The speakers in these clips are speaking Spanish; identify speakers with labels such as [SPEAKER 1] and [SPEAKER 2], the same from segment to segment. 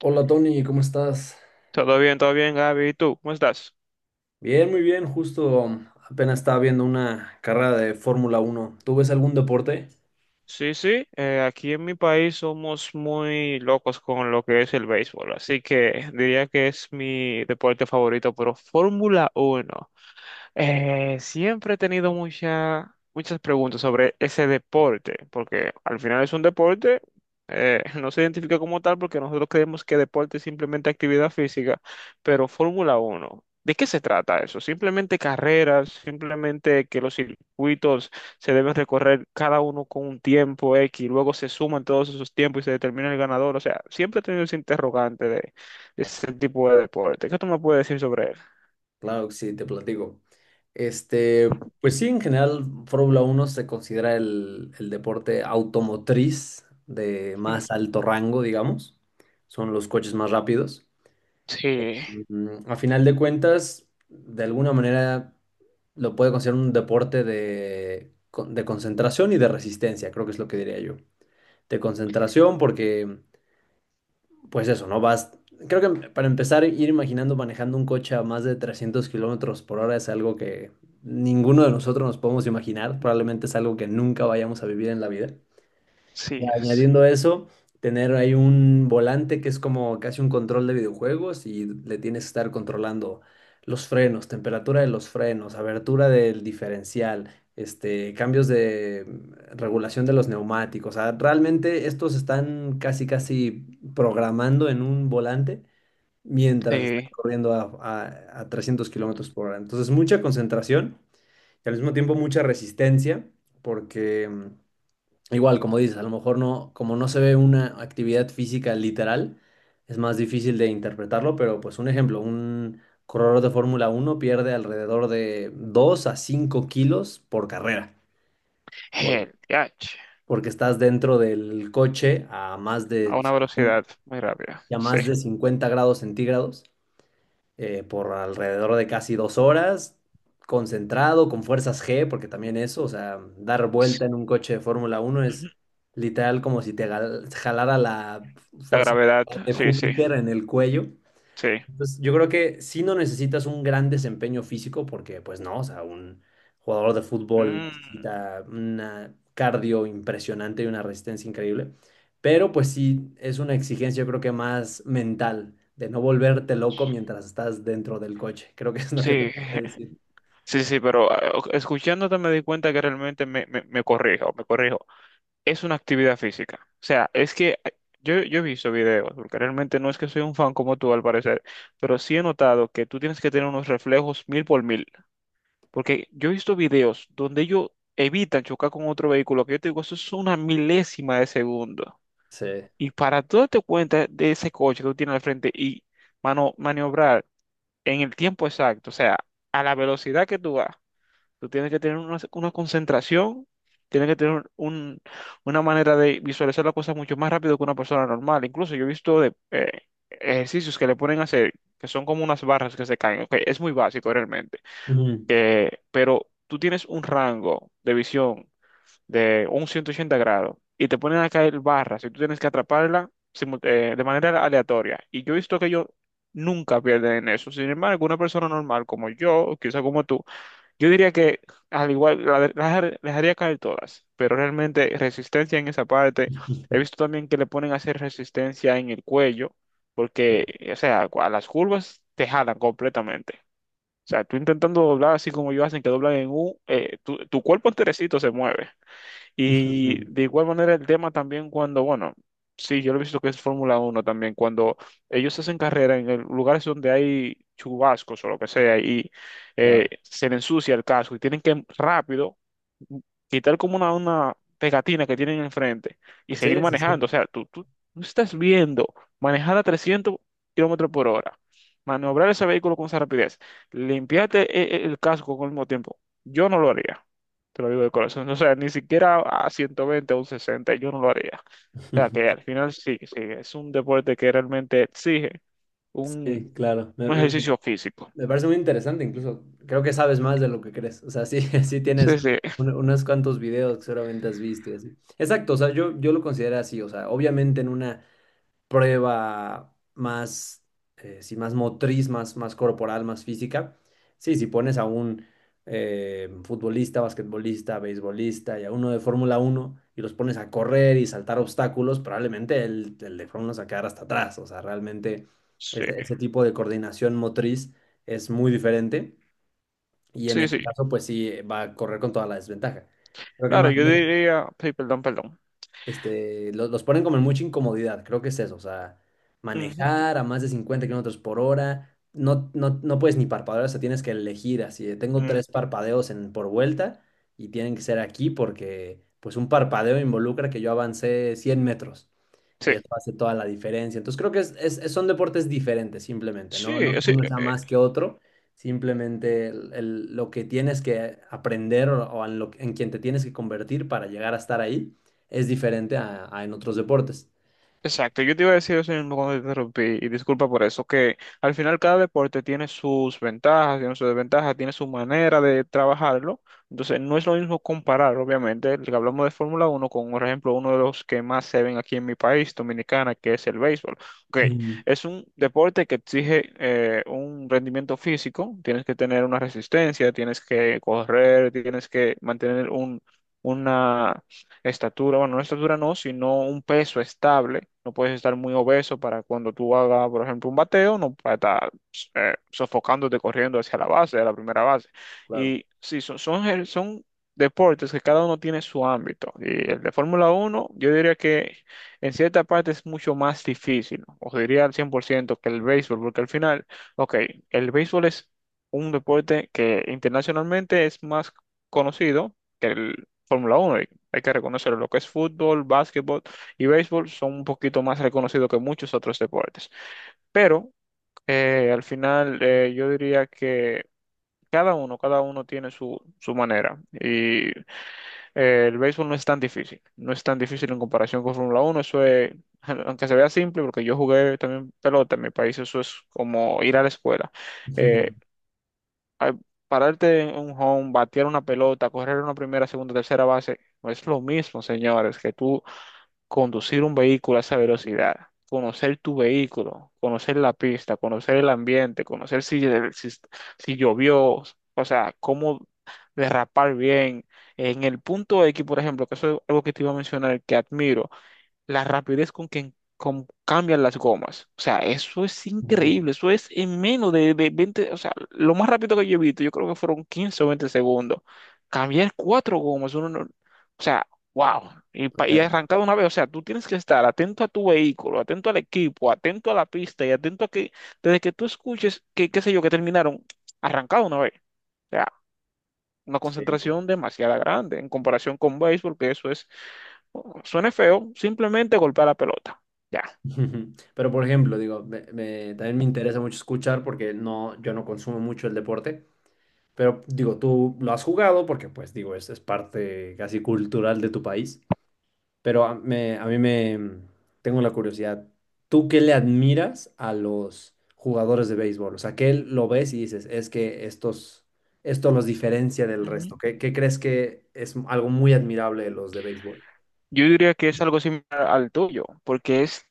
[SPEAKER 1] Hola Tony, ¿cómo estás?
[SPEAKER 2] Todo bien, Gaby. ¿Y tú? ¿Cómo estás?
[SPEAKER 1] Bien, muy bien, justo apenas estaba viendo una carrera de Fórmula Uno. ¿Tú ves algún deporte?
[SPEAKER 2] Sí, sí. Aquí en mi país somos muy locos con lo que es el béisbol, así que diría que es mi deporte favorito, pero Fórmula uno. Siempre he tenido muchas preguntas sobre ese deporte, porque al final es un deporte, no se identifica como tal porque nosotros creemos que deporte es simplemente actividad física, pero Fórmula uno, ¿de qué se trata eso? ¿Simplemente carreras? ¿Simplemente que los circuitos se deben recorrer cada uno con un tiempo X, y luego se suman todos esos tiempos y se determina el ganador? O sea, siempre he tenido ese interrogante de ese tipo de deporte. ¿Qué tú me puedes decir sobre él?
[SPEAKER 1] Claro que sí, te platico. Este, pues sí, en general Fórmula Uno se considera el deporte automotriz de más alto rango, digamos. Son los coches más rápidos.
[SPEAKER 2] Sí.
[SPEAKER 1] Mm, a final de cuentas, de alguna manera lo puede considerar un deporte de, de concentración y de resistencia, creo que es lo que diría yo. De concentración porque, pues eso, ¿no? Vas, creo que para empezar, ir imaginando manejando un coche a más de 300 kilómetros por hora es algo que ninguno de nosotros nos podemos imaginar, probablemente es algo que nunca vayamos a vivir en la vida.
[SPEAKER 2] Sí,
[SPEAKER 1] Y
[SPEAKER 2] es.
[SPEAKER 1] añadiendo eso, tener ahí un volante que es como casi un control de videojuegos y le tienes que estar controlando los frenos, temperatura de los frenos, abertura del diferencial, este, cambios de regulación de los neumáticos. O sea, realmente estos están casi casi programando en un volante mientras están
[SPEAKER 2] Sí.
[SPEAKER 1] corriendo a 300 kilómetros por hora. Entonces, mucha concentración y al mismo tiempo mucha resistencia porque... mm, igual, como dices, a lo mejor no, como no se ve una actividad física literal, es más difícil de interpretarlo, pero pues un ejemplo, un corredor de Fórmula uno pierde alrededor de 2 a 5 kilos por carrera, por-
[SPEAKER 2] El DH.
[SPEAKER 1] porque estás dentro del coche a más
[SPEAKER 2] A una velocidad muy rápida.
[SPEAKER 1] a
[SPEAKER 2] Sí.
[SPEAKER 1] más de 50 grados centígrados por alrededor de casi 2 horas, concentrado, con fuerzas G, porque también eso, o sea, dar
[SPEAKER 2] Sí.
[SPEAKER 1] vuelta en un coche de Fórmula uno
[SPEAKER 2] Ujú.
[SPEAKER 1] es literal como si te jalara la
[SPEAKER 2] La
[SPEAKER 1] fuerza
[SPEAKER 2] gravedad,
[SPEAKER 1] de
[SPEAKER 2] sí, sí,
[SPEAKER 1] Júpiter en el cuello.
[SPEAKER 2] sí.
[SPEAKER 1] Pues yo creo que sí no necesitas un gran desempeño físico porque pues no, o sea, un jugador de fútbol
[SPEAKER 2] Mm,
[SPEAKER 1] necesita una cardio impresionante y una resistencia increíble, pero pues sí es una exigencia yo creo que más mental de no volverte loco mientras estás dentro del coche, creo que es lo que te
[SPEAKER 2] sí,
[SPEAKER 1] puedo decir.
[SPEAKER 2] sí, sí, pero escuchándote me di cuenta que realmente me corrijo, me corrijo. Es una actividad física. O sea, es que yo he visto videos, porque realmente no es que soy un fan como tú al parecer, pero sí he notado que tú tienes que tener unos reflejos mil por mil. Porque yo he visto videos donde ellos evitan chocar con otro vehículo, que yo te digo, eso es una milésima de segundo.
[SPEAKER 1] Sí.
[SPEAKER 2] Y para tú darte cuenta de ese coche que tú tienes al frente y mano, maniobrar en el tiempo exacto, o sea, a la velocidad que tú vas, tú tienes que tener una concentración, tienes que tener una manera de visualizar las cosas mucho más rápido que una persona normal. Incluso yo he visto de, ejercicios que le ponen a hacer, que son como unas barras que se caen. Ok, es muy básico realmente,
[SPEAKER 1] Ujú.
[SPEAKER 2] pero tú tienes un rango de visión de un 180 grados y te ponen a caer barras y tú tienes que atraparla de manera aleatoria. Y yo he visto que ellos nunca pierden en eso. Sin embargo, una persona normal como yo, o quizá como tú, yo diría que al igual la de- las dejar- las dejaría caer todas, pero realmente resistencia en esa parte. He visto también que le ponen a hacer resistencia en el cuello,
[SPEAKER 1] Sí.
[SPEAKER 2] porque, o sea, a las curvas te jalan completamente. O sea, tú intentando doblar así como ellos hacen que doblan en U, tu cuerpo enterecito se mueve. Y de igual manera el tema también cuando, bueno, sí, yo lo he visto que es Fórmula Uno también, cuando ellos hacen carrera en lugares donde hay chubascos o lo que sea y
[SPEAKER 1] Claro.
[SPEAKER 2] se le ensucia el casco y tienen que rápido quitar como una pegatina que tienen enfrente y seguir
[SPEAKER 1] Sí, sí, sí.
[SPEAKER 2] manejando. O sea, tú estás viendo manejar a 300 kilómetros por hora, maniobrar ese vehículo con esa rapidez, limpiarte el casco con el mismo tiempo. Yo no lo haría. Te lo digo de corazón. O sea, ni siquiera a 120 o un 60 yo no lo haría. O sea, que al final sí, sí, es un deporte que realmente exige un,
[SPEAKER 1] Sí, claro.
[SPEAKER 2] un ejercicio físico.
[SPEAKER 1] Me parece muy interesante, incluso creo que sabes más de lo que crees. O sea, sí, sí tienes
[SPEAKER 2] Sí, sí,
[SPEAKER 1] unos cuantos videos que seguramente has visto y así. Exacto, o sea, yo lo considero así. O sea, obviamente en una prueba más, sí, más motriz, más, más corporal, más física. Sí, si pones a un futbolista, basquetbolista, beisbolista y a uno de Fórmula uno y los pones a correr y saltar obstáculos, probablemente el de Fórmula uno se va a quedar hasta atrás. O sea, realmente
[SPEAKER 2] sí,
[SPEAKER 1] ese tipo de coordinación motriz es muy diferente y en
[SPEAKER 2] sí,
[SPEAKER 1] ese
[SPEAKER 2] sí.
[SPEAKER 1] caso, pues sí, va a correr con toda la desventaja. Creo que
[SPEAKER 2] Claro,
[SPEAKER 1] más
[SPEAKER 2] yo
[SPEAKER 1] bien
[SPEAKER 2] diría, sí, perdón, perdón.
[SPEAKER 1] este, los, ponen como en mucha incomodidad, creo que es eso, o sea,
[SPEAKER 2] Ujú,
[SPEAKER 1] manejar a más de 50 kilómetros por hora, no puedes ni parpadear, o sea, tienes que elegir así, de, tengo tres
[SPEAKER 2] ujú.
[SPEAKER 1] parpadeos en, por vuelta y tienen que ser aquí porque pues un parpadeo involucra que yo avancé 100 metros.
[SPEAKER 2] Sí,
[SPEAKER 1] Y eso hace toda la diferencia. Entonces creo que son deportes diferentes simplemente, ¿no?
[SPEAKER 2] sí,
[SPEAKER 1] No que
[SPEAKER 2] sí.
[SPEAKER 1] uno sea más que otro, simplemente lo que tienes que aprender o en, lo, en quien te tienes que convertir para llegar a estar ahí es diferente a en otros deportes.
[SPEAKER 2] Exacto, yo te iba a decir eso mismo cuando te interrumpí, y disculpa por eso, que al final cada deporte tiene sus ventajas, tiene sus desventajas, tiene su manera de trabajarlo, entonces no es lo mismo comparar, obviamente, el que hablamos de Fórmula Uno con, por ejemplo, uno de los que más se ven aquí en mi país, Dominicana, que es el béisbol. Ok,
[SPEAKER 1] Mm,
[SPEAKER 2] es un deporte que exige un rendimiento físico, tienes que tener una resistencia, tienes que correr, tienes que mantener una estatura, bueno, no estatura no, sino un peso estable. No puedes estar muy obeso para cuando tú hagas, por ejemplo, un bateo, no para estar sofocándote corriendo hacia la base, a la primera base.
[SPEAKER 1] claro.
[SPEAKER 2] Y sí, son deportes que cada uno tiene su ámbito. Y el de Fórmula uno yo diría que en cierta parte es mucho más difícil, os diría al 100% que el béisbol, porque al final, ok, el béisbol es un deporte que internacionalmente es más conocido que el Fórmula uno, hay que reconocerlo. Lo que es fútbol, básquetbol y béisbol son un poquito más reconocidos que muchos otros deportes. Pero al final yo diría que cada uno tiene su manera. Y el béisbol no es tan difícil, no es tan difícil en comparación con Fórmula uno. Eso es, aunque se vea simple, porque yo jugué también pelota en mi país, eso es como ir a la escuela. Eh, Al pararte en un home, batear una pelota, correr una primera, segunda, tercera base, no es lo mismo, señores, que tú conducir un vehículo a esa velocidad, conocer tu vehículo, conocer la pista, conocer el ambiente, conocer si, si llovió, o sea, cómo derrapar bien. En el punto X, por ejemplo, que eso es algo que te iba a mencionar, que admiro la rapidez con que cambian las gomas. O sea, eso es
[SPEAKER 1] Ujú,
[SPEAKER 2] increíble. Eso es en menos de 20, o sea, lo más rápido que yo he visto, yo creo que fueron 15 o 20 segundos. Cambiar cuatro gomas, uno no- o sea, wow. Y,
[SPEAKER 1] o
[SPEAKER 2] y
[SPEAKER 1] sea,
[SPEAKER 2] arrancar de una vez, o sea, tú tienes que estar atento a tu vehículo, atento al equipo, atento a la pista y atento a que, desde que tú escuches que, qué sé yo, que terminaron, arrancado una vez. O sea, una
[SPEAKER 1] sí, no.
[SPEAKER 2] concentración demasiado grande en comparación con béisbol, que eso es. Suena feo, simplemente golpea la pelota. Ya.
[SPEAKER 1] Pero por ejemplo, digo, también me interesa mucho escuchar porque no, yo no consumo mucho el deporte, pero digo, tú lo has jugado porque pues digo, es parte casi cultural de tu país. Pero a mí me tengo la curiosidad. ¿Tú qué le admiras a los jugadores de béisbol? O sea, ¿qué lo ves y dices, es que estos, esto los diferencia del resto?
[SPEAKER 2] Ujú.
[SPEAKER 1] ¿Qué, qué crees que es algo muy admirable de los de béisbol?
[SPEAKER 2] Yo diría que es algo similar al tuyo, porque es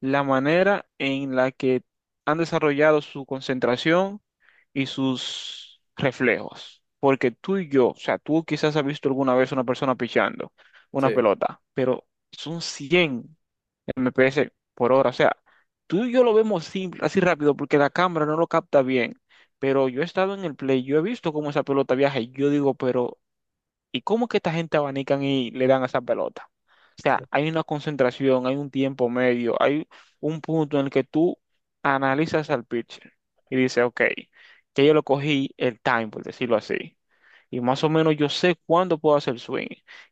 [SPEAKER 2] la manera en la que han desarrollado su concentración y sus reflejos. Porque tú y yo, o sea, tú quizás has visto alguna vez una persona pichando una
[SPEAKER 1] Sí.
[SPEAKER 2] pelota, pero son 100 mph por hora. O sea, tú y yo lo vemos simple, así rápido porque la cámara no lo capta bien. Pero yo he estado en el play, yo he visto cómo esa pelota viaja y yo digo, pero ¿y cómo es que esta gente abanican y le dan a esa pelota? O sea, hay una concentración, hay un tiempo medio, hay un punto en el que tú analizas al pitcher y dices, ok, que yo lo cogí el time, por decirlo así, y más o menos yo sé cuándo puedo hacer swing.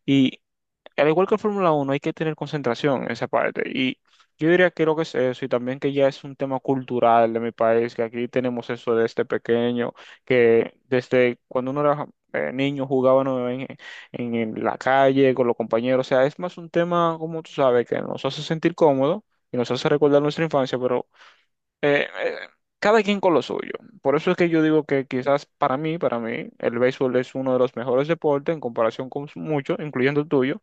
[SPEAKER 2] Y al igual que el Fórmula Uno, hay que tener concentración en esa parte. Y yo diría que lo que es eso, y también que ya es un tema cultural de mi país, que aquí tenemos eso desde pequeño, que desde cuando uno era niño jugaban en la calle con los compañeros. O sea, es más un tema, como tú sabes, que nos hace sentir cómodos y nos hace recordar nuestra infancia, pero eh, eh, cada quien con lo suyo. Por eso es que yo digo que quizás para mí, el béisbol es uno de los mejores deportes en comparación con muchos, incluyendo el tuyo,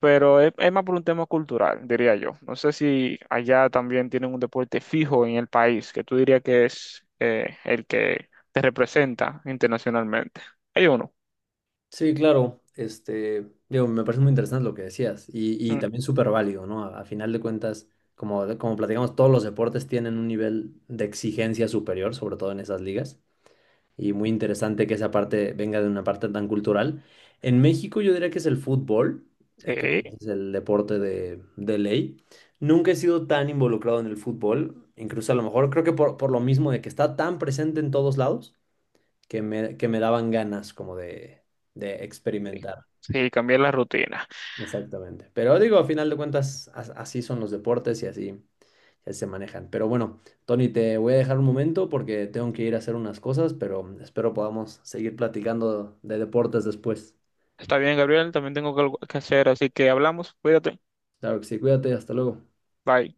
[SPEAKER 2] pero es, más por un tema cultural, diría yo. No sé si allá también tienen un deporte fijo en el país, que tú dirías que es el que te representa internacionalmente. Hay uno.
[SPEAKER 1] Sí, claro. Este, digo, me parece muy interesante lo que decías y
[SPEAKER 2] Mm.
[SPEAKER 1] también súper válido, ¿no? A final de cuentas, como platicamos, todos los deportes tienen un nivel de exigencia superior, sobre todo en esas ligas. Y muy interesante que esa parte venga de una parte tan cultural. En México yo diría que es el fútbol, creo que
[SPEAKER 2] Sí,
[SPEAKER 1] es el deporte de ley. Nunca he sido tan involucrado en el fútbol, incluso a lo mejor creo que por lo mismo de que está tan presente en todos lados, que que me daban ganas como de experimentar.
[SPEAKER 2] sí, cambié la rutina.
[SPEAKER 1] Exactamente. Pero digo, a final de cuentas, así son los deportes y así, así se manejan. Pero bueno, Tony, te voy a dejar un momento porque tengo que ir a hacer unas cosas, pero espero podamos seguir platicando de deportes después.
[SPEAKER 2] Está bien, Gabriel, también tengo que algo que hacer, así que hablamos, cuídate.
[SPEAKER 1] Claro que sí, cuídate, hasta luego.
[SPEAKER 2] Bye.